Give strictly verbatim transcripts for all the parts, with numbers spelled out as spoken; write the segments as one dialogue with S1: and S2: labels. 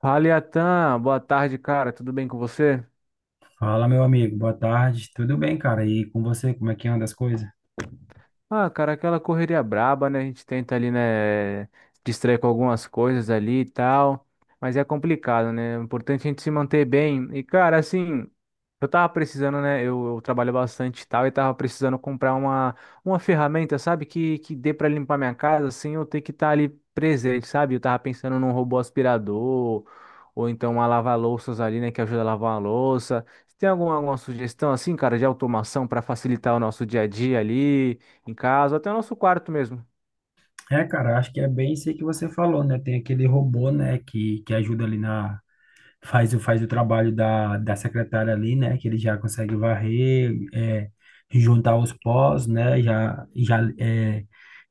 S1: Fala, Iatan. Boa tarde, cara. Tudo bem com você?
S2: Fala, meu amigo, boa tarde. Tudo bem, cara? E com você, como é que anda as coisas?
S1: Ah, cara, aquela correria braba, né? A gente tenta ali, né, distrair com algumas coisas ali e tal, mas é complicado, né? O importante é a gente se manter bem. E, cara, assim, eu tava precisando, né? Eu, eu trabalho bastante e tal, e tava precisando comprar uma, uma ferramenta, sabe? Que, que dê pra limpar minha casa sem eu ter que estar ali presente, sabe? Eu tava pensando num robô aspirador, ou então uma lava-louças ali, né? Que ajuda a lavar uma louça. Você tem alguma, alguma sugestão assim, cara, de automação para facilitar o nosso dia a dia ali? Em casa, até o nosso quarto mesmo.
S2: É, cara, acho que é bem isso aí que você falou, né? Tem aquele robô, né, que, que ajuda ali na. Faz, o- faz o trabalho da, da secretária ali, né? Que ele já consegue varrer, é, juntar os pós, né? Já, já, é,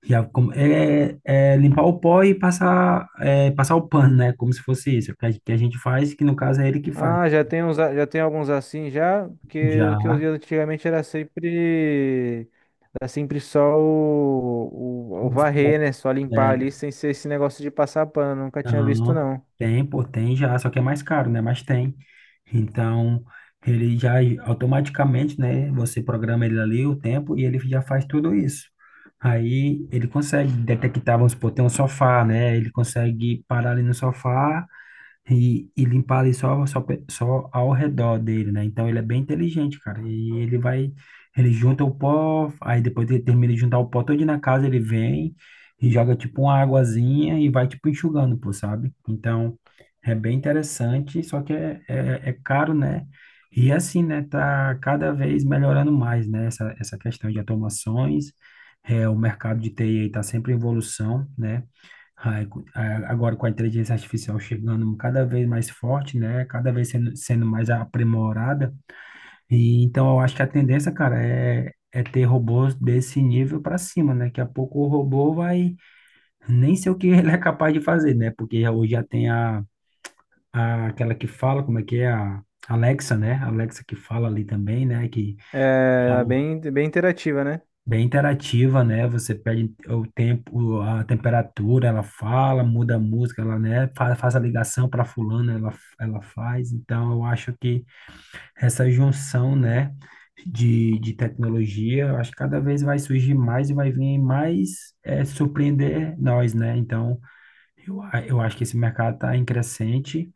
S2: já com- é, é, Limpar o pó e passar, é, passar o pano, né? Como se fosse isso, que a, que a gente faz, que no caso é ele que faz.
S1: Ah, já tem uns, a- já tem alguns assim já, porque o
S2: Já.
S1: que eu via antigamente era sempre era sempre só o, o, o varrer, né? Só limpar ali
S2: é,
S1: sem ser esse negócio de passar pano, nunca tinha visto
S2: Não,
S1: não.
S2: tem, pô, tem já, só que é mais caro, né? Mas tem. Então, ele já automaticamente, né? Você programa ele ali o tempo e ele já faz tudo isso. Aí ele consegue detectar, vamos supor, tem um sofá, né? Ele consegue parar ali no sofá e, e limpar ali só, só, pe- só ao redor dele, né? Então ele é bem inteligente, cara. E ele vai, ele junta o pó, aí depois ele termina de juntar o pó todo na casa, ele vem e joga tipo uma aguazinha e vai tipo enxugando, pô, sabe? Então é bem interessante, só que é, é, é caro, né? E assim, né? Tá cada vez melhorando mais, né? Essa, essa questão de automações. É, o mercado de T I tá sempre em evolução, né? Ai, cu- a- Agora com a inteligência artificial chegando cada vez mais forte, né? Cada vez sendo, sendo mais aprimorada. E então eu acho que a tendência, cara, é, é ter robôs desse nível para cima, né? Daqui a pouco o robô vai nem sei o que ele é capaz de fazer, né? Porque já- hoje já tem a, a aquela que fala, como é que é? A Alexa, né? A Alexa que fala ali também, né? Que
S1: É, era bem bem interativa, né?
S2: bem interativa, né? Você pede o tempo, a temperatura, ela fala, muda a música, ela, né, fa- faz a ligação para fulano, ela, ela faz. Então, eu acho que essa junção, né, de, de tecnologia, eu acho que cada vez vai surgir mais e vai vir mais é, surpreender nós, né? Então, eu, a- eu acho que esse mercado está em crescente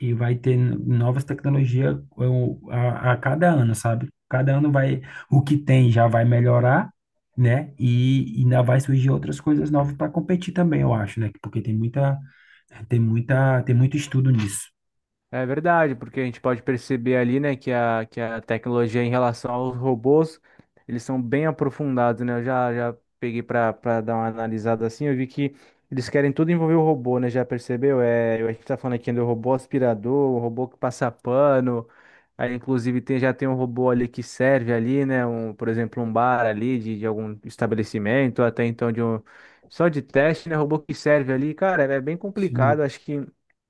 S2: e vai ter novas tecnologias eu, a, a cada ano, sabe? Cada ano vai, o que tem já vai melhorar, né? E, e ainda vai surgir outras coisas novas para competir também, eu acho, né? Porque tem muita, tem muita, tem muito estudo nisso.
S1: É verdade, porque a gente pode perceber ali, né, que a, que a tecnologia em relação aos robôs, eles são bem aprofundados, né? Eu já, já peguei para dar uma analisada assim, eu vi que eles querem tudo envolver o robô, né? Já percebeu? É, a gente tá falando aqui do robô aspirador, o robô que passa pano, aí inclusive tem, já tem um robô ali que serve ali, né? Um, por exemplo, um bar ali de, de algum estabelecimento, até então de um, só de teste, né? Robô que serve ali, cara, é bem
S2: Sim,
S1: complicado, acho que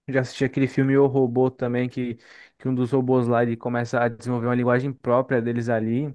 S1: já assisti aquele filme O Robô também, que, que um dos robôs lá ele começa a desenvolver uma linguagem própria deles ali.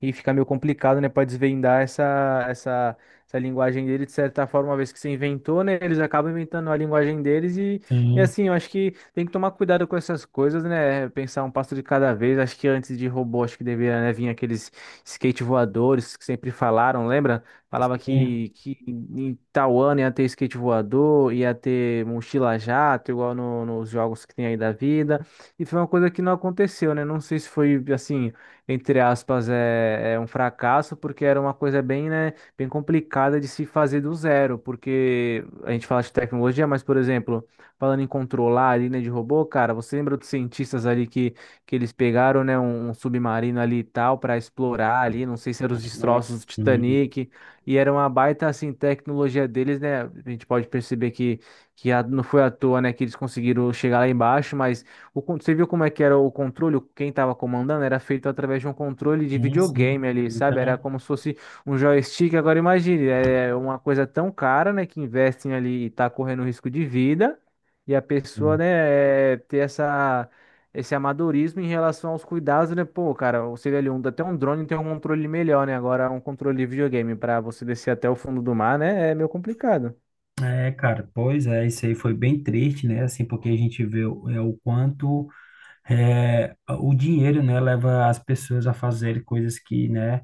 S1: E fica meio complicado, né, para desvendar essa, essa, essa linguagem dele, de certa forma, uma vez que você inventou, né, eles acabam inventando a linguagem deles e, e
S2: sim,
S1: assim, eu acho que tem que tomar cuidado com essas coisas, né, pensar um passo de cada vez, acho que antes de robô, acho que deveria, né, vir aqueles skate voadores que sempre falaram, lembra? Falava
S2: sim.
S1: que, que em tal ano ia ter skate voador, ia ter mochila jato, igual no- nos jogos que tem aí da vida, e foi uma coisa que não aconteceu, né, não sei se foi, assim entre aspas, é, é um fracasso, porque era uma coisa bem, né, bem complicada de se fazer do zero, porque a gente fala de tecnologia, mas, por exemplo, falando em controlar ali, né, de robô, cara, você lembra dos cientistas ali que, que eles pegaram, né, um, um submarino ali e tal para explorar ali, não sei se eram os
S2: É,
S1: destroços do
S2: sim,
S1: Titanic, e era uma baita, assim, tecnologia deles, né, a gente pode perceber que, que a- não foi à toa, né, que eles conseguiram chegar lá embaixo, mas o, con- você viu como é que era o controle? Quem estava comandando era feito através de um controle de
S2: sim, sim.
S1: videogame ali, sabe? Era
S2: Então,
S1: como se fosse um joystick. Agora imagine, é uma coisa tão cara, né, que investem ali e tá correndo risco de vida, e a pessoa,
S2: sim.
S1: né, é, ter essa esse amadorismo em relação aos cuidados, né? Pô, cara, você vê ali um, até um drone tem um controle melhor, né? Agora um controle de videogame para você descer até o fundo do mar, né? É meio complicado.
S2: É, cara, pois é, isso aí foi bem triste, né? Assim, porque a gente vê o- é, o quanto é, o dinheiro, né, leva as pessoas a fazer coisas que, né,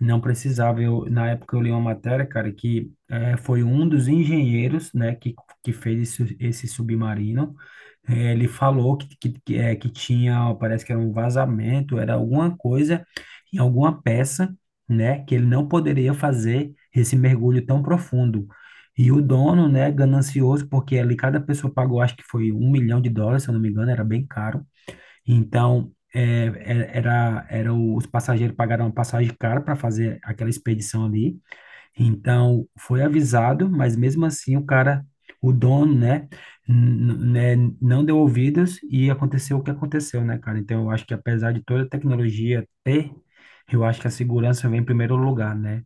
S2: não precisava. Eu, na época eu li uma matéria, cara, que é, foi um dos engenheiros, né, que, que fez esse, esse submarino. É, ele falou que, que, que, é, que tinha, parece que era um vazamento, era alguma coisa em alguma peça, né, que ele não poderia fazer esse mergulho tão profundo. E o dono, né, ganancioso, porque ali cada pessoa pagou, acho que foi um milhão de dólares, se eu não me engano, era bem caro. Então, é, é- era, era o- os passageiros pagaram uma passagem cara para fazer aquela expedição ali. Então, foi avisado, mas mesmo assim o cara, o dono, né, n- n- né, não deu ouvidos e aconteceu o que aconteceu, né, cara? Então, eu acho que apesar de toda a tecnologia ter, eu acho que a segurança vem em primeiro lugar, né?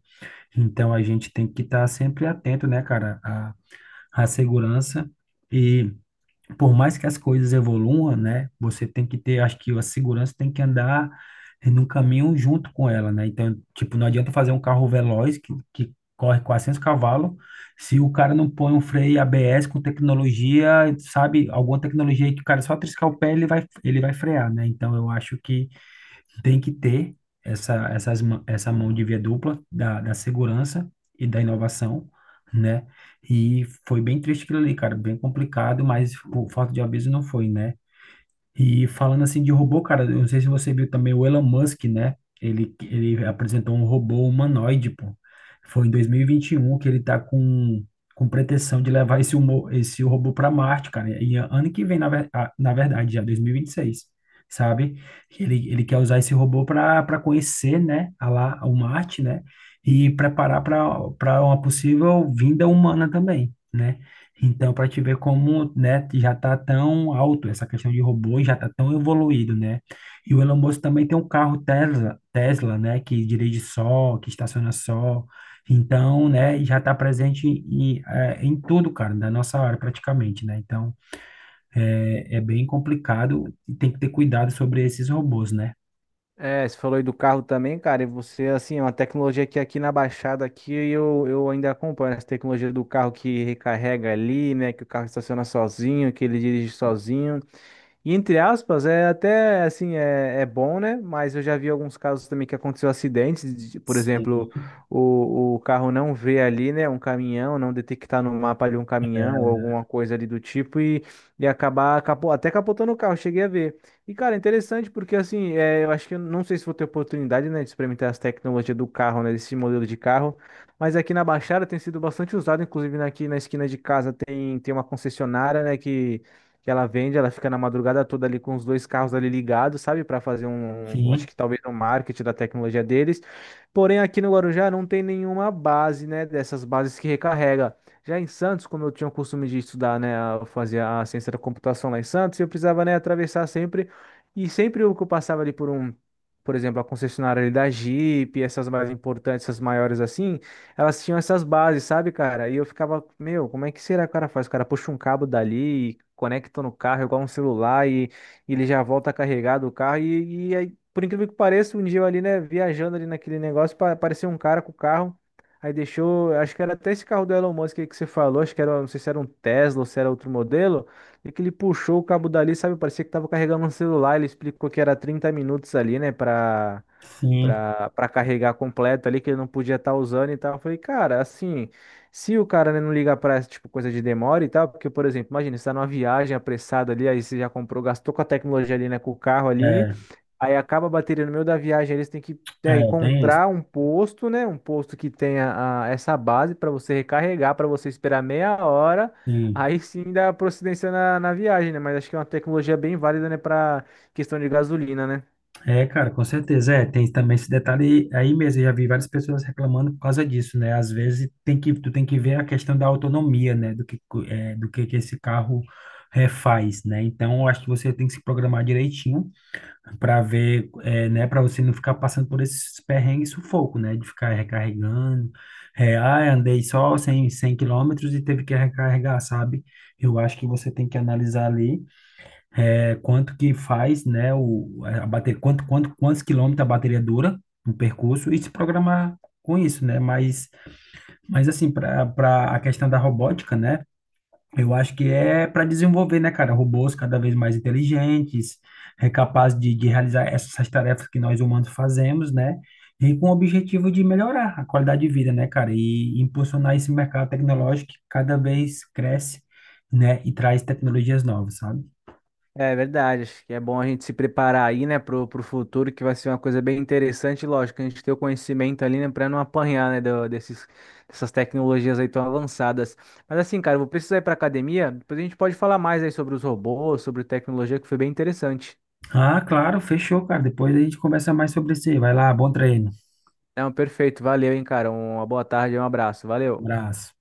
S2: Então, a gente tem que estar sempre atento, né, cara, à, à segurança por mais que as coisas evoluam, né, você tem que ter, acho que a segurança tem que andar no caminho junto com ela, né? Então, tipo, não adianta fazer um carro veloz que, que corre quatrocentos cavalos se o cara não põe um freio A B S com tecnologia, sabe, alguma tecnologia aí que o cara só triscar o pé, ele vai, ele vai frear, né? Então, eu acho que tem que ter essa, essas, mã- essa mão de via dupla da, da segurança e da inovação, né? E foi bem triste aquilo ali, cara, bem complicado, mas por falta de aviso não foi, né? E falando assim de robô, cara, eu não sei se você viu também o Elon Musk, né? Ele, ele apresentou um robô humanoide, pô. Foi em dois mil e vinte e um que ele tá com, com pretensão de levar esse, humo, esse robô para Marte, cara. E a- ano que vem, na, ver- a- na verdade, já dois mil e vinte e seis, sabe? Ele, ele quer usar esse robô para para conhecer, né, a lá, o Marte, né? E preparar para para uma possível vinda humana também, né? Então, para te ver como, né, já está tão alto essa questão de robôs, já está tão evoluído, né? E o Elon Musk também tem um carro Tesla, Tesla, né, que dirige só, que estaciona só. Então, né, e já está presente em, eh, em tudo, cara, da nossa área praticamente, né? Então, é, é bem complicado e tem que ter cuidado sobre esses robôs, né?
S1: É, você falou aí do carro também, cara, e você, assim, é uma tecnologia que aqui na Baixada, aqui eu, eu ainda acompanho né, essa tecnologia do carro que recarrega ali, né, que o carro estaciona sozinho, que ele dirige sozinho, e entre aspas, é até assim, é, é bom, né? Mas eu já vi alguns casos também que aconteceu acidentes, de- por exemplo,
S2: Sim.
S1: o, o carro não vê ali, né, um caminhão, não detectar no mapa ali um caminhão ou alguma coisa ali do tipo e, e acabar capo- até capotando o carro, cheguei a ver. E cara, interessante porque assim, é, eu acho que eu não sei se vou ter oportunidade, né, de experimentar as tecnologias do carro, né, desse modelo de carro, mas aqui na Baixada tem sido bastante usado, inclusive aqui na esquina de casa tem, tem uma concessionária, né, que que ela vende, ela fica na madrugada toda ali com os dois carros ali ligados, sabe, para fazer um, um, acho
S2: Sim,
S1: que talvez um marketing da tecnologia deles. Porém, aqui no Guarujá não tem nenhuma base, né, dessas bases que recarrega. Já em Santos, como eu tinha o costume de estudar, né, eu fazia a ciência da computação lá em Santos, eu precisava, né, atravessar sempre e sempre o que eu passava ali por um Por exemplo, a concessionária ali da Jeep, essas mais importantes, essas maiores assim, elas tinham essas bases, sabe, cara? E eu ficava, meu, como é que será que o cara faz? O cara puxa um cabo dali, e conecta no carro, igual um celular, e, e ele já volta carregado o carro. E, e aí, por incrível que pareça, um dia eu ali, né, viajando ali naquele negócio, pa- apareceu um cara com o carro. Aí deixou, acho que era até esse carro do Elon Musk aí que você falou, acho que era, não sei se era um Tesla ou se era outro modelo, e que ele puxou o cabo dali, sabe? Parecia que tava carregando um celular, ele explicou que era trinta minutos ali, né, pra,
S2: sim,
S1: pra, pra carregar completo ali, que ele não podia estar usando e tal. Eu falei, cara, assim, se o cara né, não ligar pra essa tipo, coisa de demora e tal, porque, por exemplo, imagina, você tá numa viagem apressada ali, aí você já comprou, gastou com a tecnologia ali, né, com o carro ali,
S2: é,
S1: aí acaba a bateria no meio da viagem, eles têm que. Né,
S2: é, tem isso.
S1: encontrar um posto, né? Um posto que tenha a- essa base para você recarregar, para você esperar meia hora,
S2: Sim.
S1: aí sim dá procedência na, na viagem, né? Mas acho que é uma tecnologia bem válida, né? Para questão de gasolina, né?
S2: É, cara, com certeza. É, tem também esse detalhe aí mesmo. Eu já vi várias pessoas reclamando por causa disso, né? Às vezes tem que, tu tem que ver a questão da autonomia, né? Do que, co- é, do que, que esse carro é, faz, né? Então, eu acho que você tem que se programar direitinho para ver, é, né? Para você não ficar passando por esses perrengues e sufoco, né? De ficar recarregando. É, ah, andei só cem cem quilômetros e teve que recarregar, sabe? Eu acho que você tem que analisar ali é, quanto que faz, né, o, a bater, quanto, quanto, quantos quilômetros a bateria dura no percurso e se programar com isso, né? Mas, mas assim, para para a questão da robótica, né? Eu acho que é para desenvolver, né, cara, robôs cada vez mais inteligentes, é capaz de, de realizar essas tarefas que nós humanos fazemos, né? E com o objetivo de melhorar a qualidade de vida, né, cara? E impulsionar esse mercado tecnológico que cada vez cresce, né? E traz tecnologias novas, sabe?
S1: É verdade, acho que é bom a gente se preparar aí, né, pro, pro futuro, que vai ser uma coisa bem interessante, lógico, a gente ter o conhecimento ali, né, pra não apanhar, né, do- desses, dessas tecnologias aí tão avançadas. Mas assim, cara, eu vou precisar ir pra academia, depois a gente pode falar mais aí sobre os robôs, sobre tecnologia, que foi bem interessante.
S2: Ah, claro, fechou, cara. Depois a gente conversa mais sobre isso aí. Vai lá, bom treino.
S1: Não, perfeito, valeu, hein, cara, uma boa tarde, um abraço, valeu.
S2: Abraço.